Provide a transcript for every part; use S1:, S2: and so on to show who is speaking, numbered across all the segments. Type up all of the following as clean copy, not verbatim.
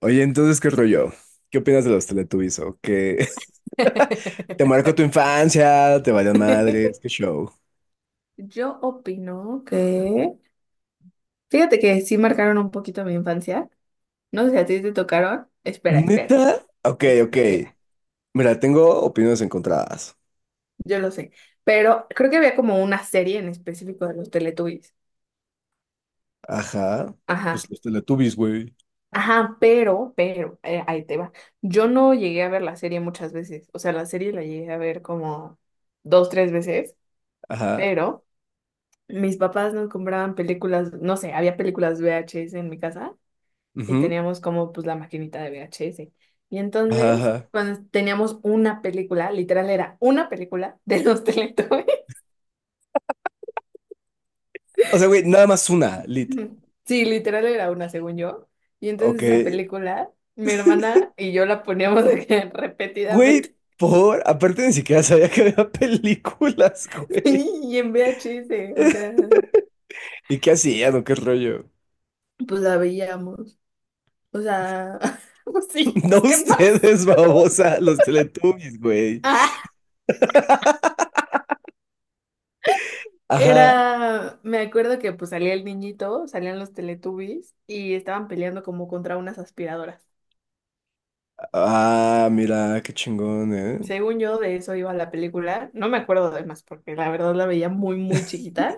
S1: Oye, entonces, ¿qué rollo? ¿Qué opinas de los Teletubbies? ¿O qué? ¿Te marcó tu infancia? ¿Te valió madres? ¿Qué show?
S2: Yo opino que, fíjate que sí marcaron un poquito mi infancia. No sé si a ti te tocaron. Espera, espera,
S1: ¿Neta? Ok, ok.
S2: espera.
S1: Mira, tengo opiniones encontradas.
S2: Yo lo sé. Pero creo que había como una serie en específico de los Teletubbies.
S1: Ajá. Pues
S2: Ajá.
S1: los Teletubbies, güey.
S2: Ajá, pero, ahí te va. Yo no llegué a ver la serie muchas veces. O sea, la serie la llegué a ver como dos, tres veces.
S1: Ajá.
S2: Pero mis papás nos compraban películas, no sé, había películas VHS en mi casa. Y
S1: Ujú.
S2: teníamos como pues la maquinita de VHS. Y
S1: Ajá,
S2: entonces,
S1: ajá.
S2: cuando teníamos una película, literal era una película de los Teletubbies.
S1: O sea, güey, nada más una, lit.
S2: Ujú. Sí, literal era una, según yo. Y
S1: Ok.
S2: entonces esa película, mi hermana y yo la poníamos de que
S1: Güey,
S2: repetidamente,
S1: por... Aparte ni siquiera sabía que había películas, güey.
S2: sí, y en VHS, o sea,
S1: ¿Y qué hacían o qué rollo?
S2: pues la veíamos. O sea, pues sí,
S1: No
S2: pues ¿qué más?
S1: ustedes, babosa, los Teletubbies, güey.
S2: Ah,
S1: Ajá.
S2: era, me acuerdo que pues salía el niñito, salían los Teletubbies y estaban peleando como contra unas aspiradoras.
S1: Ah, mira, qué chingón, ¿eh?
S2: Según yo, de eso iba la película. No me acuerdo de más porque la verdad la veía muy, muy chiquita.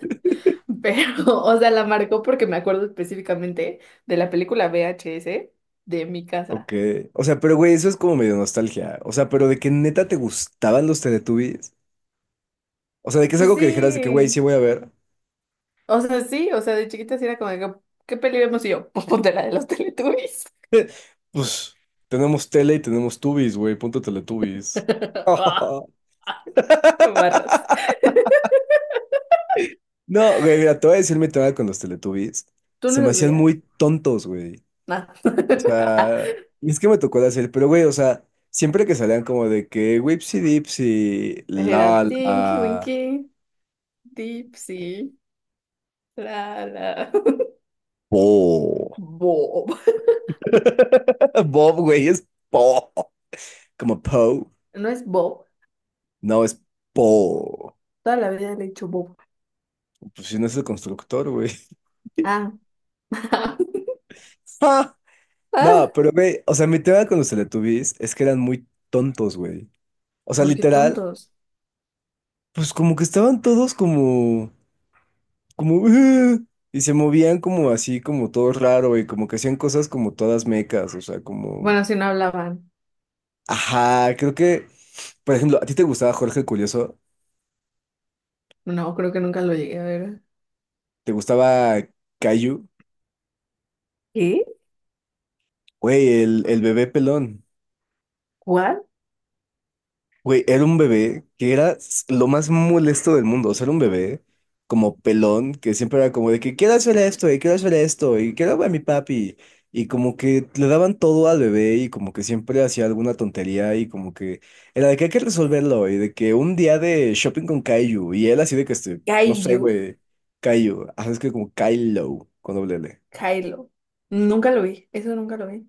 S2: Pero, o sea, la marcó porque me acuerdo específicamente de la película VHS de mi casa.
S1: Ok. O sea, pero güey, eso es como medio nostalgia. O sea, pero de que neta te gustaban los Teletubbies. O sea, de que es
S2: Pues
S1: algo que dijeras de que, güey, sí
S2: sí.
S1: voy a ver.
S2: O sea, sí. O sea, de chiquita sí era como, de que, ¿qué peli vemos? Y yo, pues ponte la de los Teletubbies.
S1: Pues tenemos tele y tenemos Tubbies, güey, punto Teletubbies.
S2: Ah, barras.
S1: No, güey, mira, te voy a decir mi tema con los Teletubbies.
S2: ¿Tú
S1: Se
S2: no
S1: me
S2: los
S1: hacían
S2: veías?
S1: muy tontos, güey.
S2: Nada.
S1: O sea, y es que me tocó de hacer, pero güey, o sea, siempre que salían como de que Wipsy Dipsy, la
S2: Era Tinky
S1: la,
S2: Winky, Dipsy, la la.
S1: po.
S2: Bob.
S1: Bob, güey, es Po. Como Poe.
S2: ¿No es Bob?
S1: No, es Po.
S2: Toda la vida le he dicho bobo.
S1: Pues si no es el constructor, güey.
S2: Ah,
S1: Ah,
S2: ah,
S1: no, pero güey, o sea, mi tema con los Teletubbies es que eran muy tontos, güey. O sea,
S2: ¿por qué
S1: literal,
S2: tontos?
S1: pues como que estaban todos como, como, y se movían como así, como todo raro, y como que hacían cosas como todas mecas, o sea, como,
S2: Bueno, si no hablaban.
S1: ajá, creo que, por ejemplo, ¿a ti te gustaba Jorge el Curioso?
S2: No, creo que nunca lo llegué a ver.
S1: ¿Te gustaba Caillou?
S2: ¿Qué?
S1: Güey, el bebé pelón.
S2: ¿What?
S1: Güey, era un bebé que era s- lo más molesto del mundo. O sea, era un bebé como pelón que siempre era como de que quiero hacer esto y quiero hacer esto y quiero ver a mi papi. Y como que le daban todo al bebé y como que siempre hacía alguna tontería y como que era de que hay que resolverlo y de que un día de shopping con Kaiju y él así de que este, no sé,
S2: Kaiju,
S1: güey, Kaiju. Ah, es que como Kylo con doble L.
S2: Kylo. Nunca lo vi, eso nunca lo vi.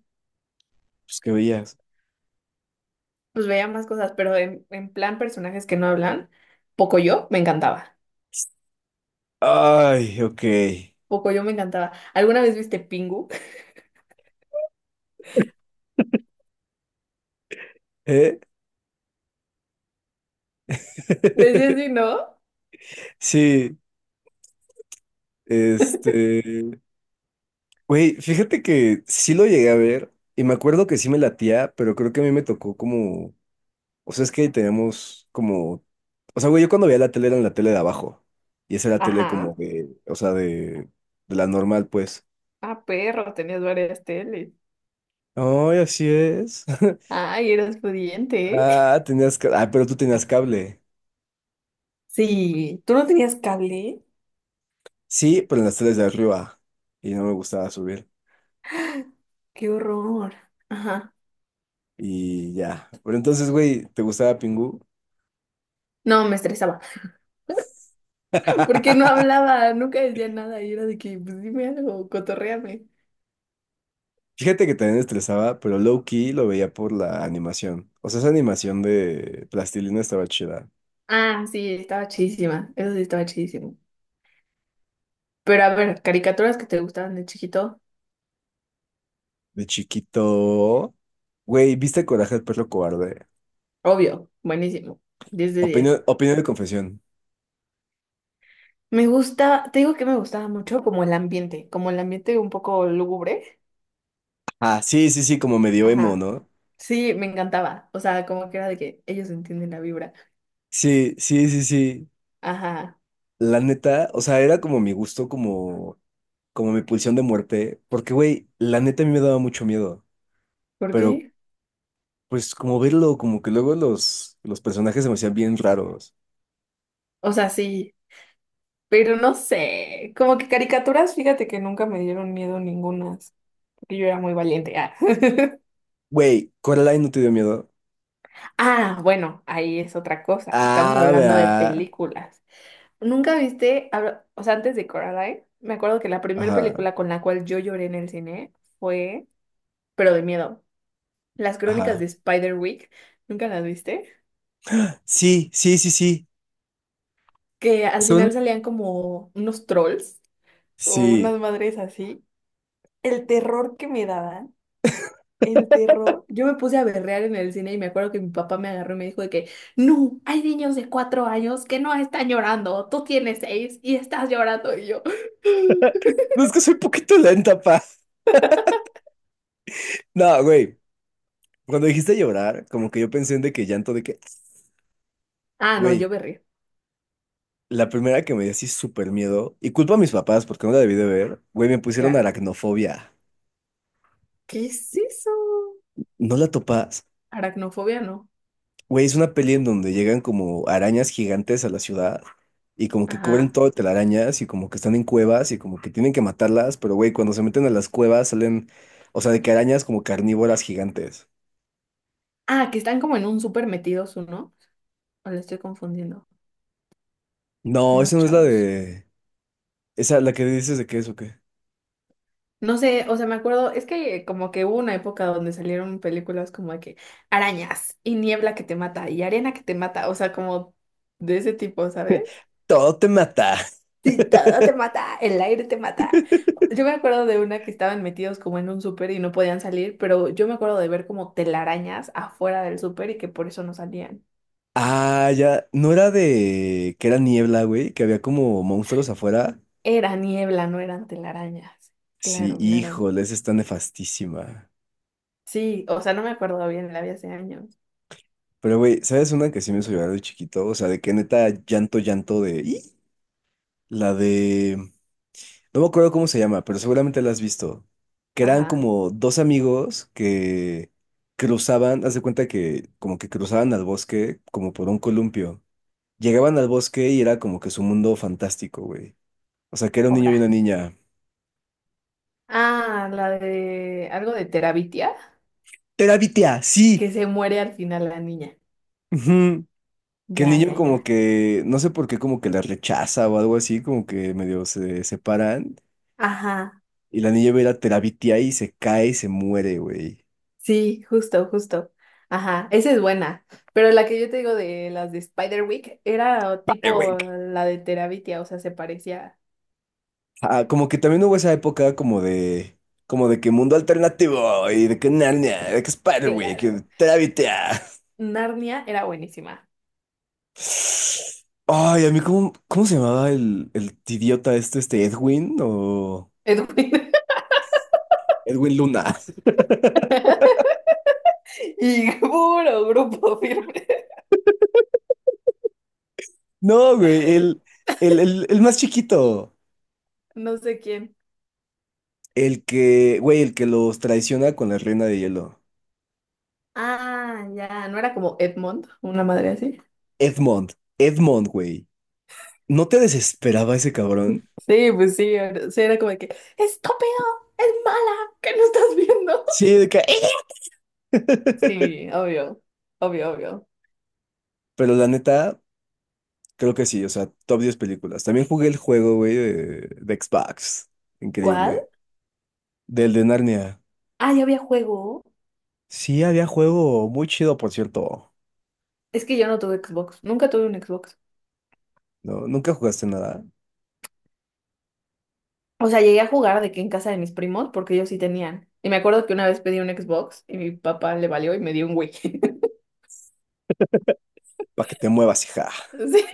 S1: Pues que veías.
S2: Pues veía más cosas, pero en plan personajes que no hablan, Pocoyo me encantaba.
S1: Ay, ok.
S2: Pocoyo me encantaba. ¿Alguna vez viste Pingu?
S1: ¿Eh?
S2: Les decía así, ¿no?
S1: Sí, este. Güey, fíjate que sí lo llegué a ver y me acuerdo que sí me latía, pero creo que a mí me tocó como, o sea, es que teníamos como, o sea, güey, yo cuando veía la tele era en la tele de abajo y esa era la tele como
S2: Ajá.
S1: de, o sea, de la normal, pues.
S2: Ah, perro, tenías varias teles.
S1: Ay, así es.
S2: Ay, eras pudiente, ¿eh?
S1: Ah, tenías, ca- ah, pero tú tenías cable.
S2: Sí, ¿tú no tenías cable?
S1: Sí, pero en las teles de arriba y no me gustaba subir
S2: Qué horror. Ajá.
S1: y ya. Pero entonces, güey, ¿te gustaba Pingu?
S2: No, me estresaba. Porque no hablaba, nunca decía nada. Y era de que, pues dime algo, cotorréame.
S1: Fíjate que también estresaba, pero low key lo veía por la animación. O sea, esa animación de plastilina estaba chida.
S2: Ah, sí, estaba chidísima. Eso sí estaba chidísimo. Pero a ver, caricaturas que te gustaban de chiquito.
S1: De chiquito. Güey, ¿viste Coraje el perro cobarde?
S2: Obvio, buenísimo. Diez de
S1: Opinión,
S2: diez.
S1: opinión de confesión.
S2: Me gusta, te digo que me gustaba mucho como el ambiente un poco lúgubre.
S1: Ah, sí, sí, sí, como medio emo,
S2: Ajá.
S1: ¿no?
S2: Sí, me encantaba. O sea, como que era de que ellos entienden la vibra.
S1: Sí, sí, sí, sí.
S2: Ajá.
S1: La neta, o sea, era como mi gusto, como, como mi pulsión de muerte. Porque, güey, la neta a mí me daba mucho miedo.
S2: ¿Por
S1: Pero,
S2: qué?
S1: pues, como verlo, como que luego los personajes se me hacían bien raros.
S2: O sea, sí. Pero no sé, como que caricaturas, fíjate que nunca me dieron miedo ningunas, porque yo era muy valiente. Ah,
S1: Güey, Coraline no te dio miedo.
S2: ah, bueno, ahí es otra cosa. Estamos
S1: Ah,
S2: hablando de
S1: vea.
S2: películas. ¿Nunca viste, habla- o sea, antes de Coraline, me acuerdo que la primera
S1: Ajá,
S2: película con la cual yo lloré en el cine fue, pero de miedo, Las
S1: ajá.
S2: Crónicas de Spiderwick. ¿Nunca las viste?
S1: Sí, sí, sí, sí.
S2: Que al
S1: Son.
S2: final salían como unos trolls o
S1: Sí.
S2: unas madres así. El terror que me daban. El terror. Yo me puse a berrear en el cine y me acuerdo que mi papá me agarró y me dijo de que, no, hay niños de cuatro años que no están llorando, tú tienes seis y estás llorando y yo.
S1: No es que soy poquito lenta, pa. No, güey. Cuando dijiste llorar, como que yo pensé en de que llanto de que,
S2: Ah, no,
S1: güey,
S2: yo berré,
S1: la primera que me dio así súper miedo, y culpa a mis papás porque no la debí de ver, güey, me pusieron
S2: claro.
S1: aracnofobia.
S2: ¿Qué es eso?
S1: ¿No la topas?
S2: Aracnofobia, no.
S1: Güey, es una peli en donde llegan como arañas gigantes a la ciudad y como que cubren
S2: Ajá.
S1: todo de telarañas y como que están en cuevas y como que tienen que matarlas, pero güey, cuando se meten a las cuevas salen, o sea, de que arañas como carnívoras gigantes.
S2: Ah, que están como en un súper metidos, ¿no? O le estoy confundiendo.
S1: No,
S2: Unos
S1: esa no es la
S2: chavos.
S1: de... Esa, la que dices de qué es o qué.
S2: No sé, o sea, me acuerdo, es que como que hubo una época donde salieron películas como de que arañas y niebla que te mata y arena que te mata, o sea, como de ese tipo, ¿sabes?
S1: Todo te mata.
S2: Sí, todo te mata, el aire te mata. Yo me acuerdo de una que estaban metidos como en un súper y no podían salir, pero yo me acuerdo de ver como telarañas afuera del súper y que por eso no salían.
S1: Ah, ya, no era de que era niebla, güey, que había como monstruos afuera.
S2: Era niebla, no eran telarañas.
S1: Sí,
S2: Claro, claro.
S1: híjole, esa está nefastísima.
S2: Sí, o sea, no me acuerdo bien, la vi hace años.
S1: Pero, güey, ¿sabes una que sí me hizo llorar de chiquito? O sea, de que neta llanto, llanto de... "Ih". La de... No me acuerdo cómo se llama, pero seguramente la has visto. Que eran
S2: Ajá.
S1: como dos amigos que cruzaban, haz de cuenta que como que cruzaban al bosque como por un columpio. Llegaban al bosque y era como que su mundo fantástico, güey. O sea, que era un niño y una niña.
S2: Ah, la de algo de Terabitia,
S1: ¡Terapia! ¡Sí!
S2: que se muere al final la niña.
S1: Ujú. Que el
S2: Ya, ya,
S1: niño como
S2: ya.
S1: que, no sé por qué, como que la rechaza o algo así, como que medio se separan.
S2: Ajá,
S1: Y la niña ve a la Terabitia y se cae y se muere, güey.
S2: sí, justo, justo. Ajá, esa es buena. Pero la que yo te digo de las de Spiderwick era tipo la de Terabitia, o sea, se parecía.
S1: Ah, como que también hubo esa época como de que mundo alternativo y de que Narnia, de que Spiderwick, y de
S2: Claro.
S1: Trábita.
S2: Narnia era buenísima.
S1: Ay, a mí, ¿cómo, cómo se llamaba el idiota este, este Edwin o
S2: Edwin.
S1: Edwin Luna?
S2: Y puro grupo firme.
S1: No, güey, el más chiquito,
S2: No sé quién.
S1: el que, güey, el que los traiciona con la reina de hielo.
S2: Ah, ya, ¿no era como Edmond, una madre así?
S1: Edmond, Edmond, güey. ¿No te desesperaba ese cabrón?
S2: Sí, pues sí, era como de que, estúpido, es mala, ¿qué no estás viendo?
S1: Sí, de que...
S2: Sí, obvio, obvio, obvio.
S1: Pero la neta. Creo que sí, o sea, top 10 películas. También jugué el juego, güey, de Xbox.
S2: ¿Cuál?
S1: Increíble. Del de Narnia.
S2: Ah, ya había juego.
S1: Sí, había juego muy chido, por cierto.
S2: Es que yo no tuve Xbox, nunca tuve un Xbox.
S1: No, nunca jugaste nada.
S2: O sea, llegué a jugar de que en casa de mis primos, porque ellos sí tenían. Y me acuerdo que una vez pedí un Xbox y mi papá le valió y me dio un Wii.
S1: Para que te muevas, hija.
S2: Sí,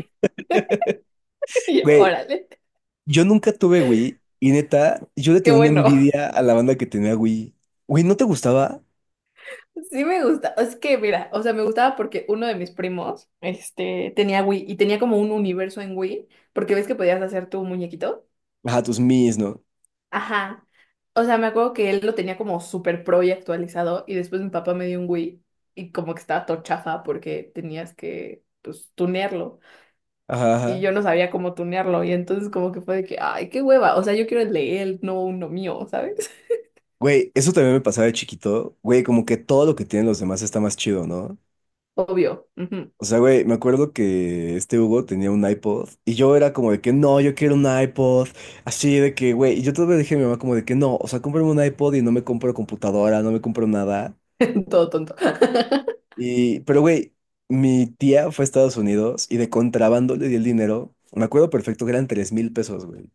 S2: y yo,
S1: Güey,
S2: órale,
S1: yo nunca tuve Wii y neta, yo le
S2: qué
S1: tenía una
S2: bueno.
S1: envidia a la banda que tenía Wii. Güey, ¿no te gustaba?
S2: Sí me gusta, es que mira, o sea, me gustaba porque uno de mis primos, este, tenía Wii y tenía como un universo en Wii, porque ves que podías hacer tu muñequito.
S1: Ajá, tus Mis, ¿no?
S2: Ajá. O sea, me acuerdo que él lo tenía como super pro y actualizado y después mi papá me dio un Wii y como que estaba todo chafa porque tenías que, pues, tunearlo
S1: Ajá,
S2: y
S1: ajá.
S2: yo no sabía cómo tunearlo y entonces como que fue de que, ay, qué hueva, o sea, yo quiero el de él, no uno mío, ¿sabes?
S1: Güey, eso también me pasaba de chiquito. Güey, como que todo lo que tienen los demás está más chido, ¿no?
S2: Obvio, ujú,
S1: O sea, güey, me acuerdo que este Hugo tenía un iPod y yo era como de que no, yo quiero un iPod. Así de que, güey, y yo todavía le dije a mi mamá como de que no, o sea, cómprame un iPod y no me compro computadora, no me compro nada.
S2: todo tonto.
S1: Y, pero güey, mi tía fue a Estados Unidos y de contrabando le di el dinero. Me acuerdo perfecto que eran 3,000 pesos, güey.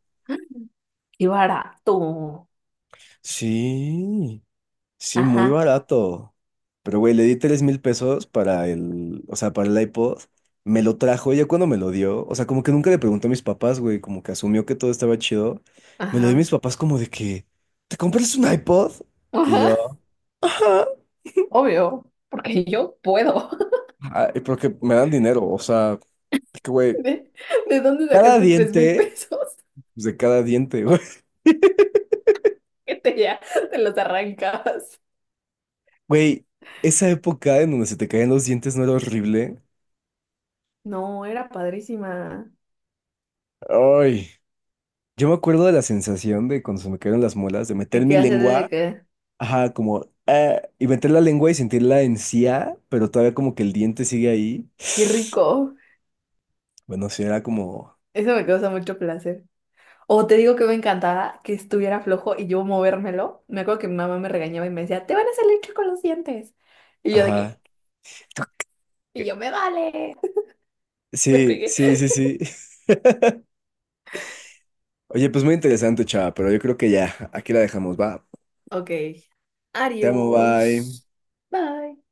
S2: Y barato.
S1: Sí. Sí, muy
S2: Ajá.
S1: barato. Pero, güey, le di 3,000 pesos para el, o sea, para el iPod. Me lo trajo ya cuando me lo dio. O sea, como que nunca le preguntó a mis papás, güey, como que asumió que todo estaba chido. Me lo dio
S2: Ajá,
S1: mis papás como de que, ¿te compras un iPod? Y
S2: ajá,
S1: yo, ajá.
S2: obvio, porque yo puedo.
S1: Ay, porque me dan dinero, o sea, es que, güey,
S2: ¿De, de dónde
S1: cada
S2: sacaste tres mil
S1: diente,
S2: pesos?
S1: pues de cada diente, güey.
S2: Que te ya te los arrancabas.
S1: Güey, esa época en donde se te caían los dientes no era horrible.
S2: No, era padrísima.
S1: Ay, yo me acuerdo de la sensación de cuando se me cayeron las muelas, de
S2: ¿De
S1: meter mi
S2: qué hacer? ¿De
S1: lengua.
S2: qué?
S1: Ajá, como y meter la lengua y sentir la encía, pero todavía como que el diente sigue ahí.
S2: Qué rico.
S1: Bueno, sí, era como,
S2: Eso me causa mucho placer. O te digo que me encantaba que estuviera flojo y yo movérmelo. Me acuerdo que mi mamá me regañaba y me decía, te van a salir chuecos los dientes. ¿Y yo de
S1: ajá.
S2: qué? Y yo me vale. Me
S1: Sí,
S2: pegué.
S1: sí, sí, sí. Oye, pues muy interesante, chava, pero yo creo que ya, aquí la dejamos, va.
S2: Ok.
S1: Te amo, bye.
S2: Adiós. Bye.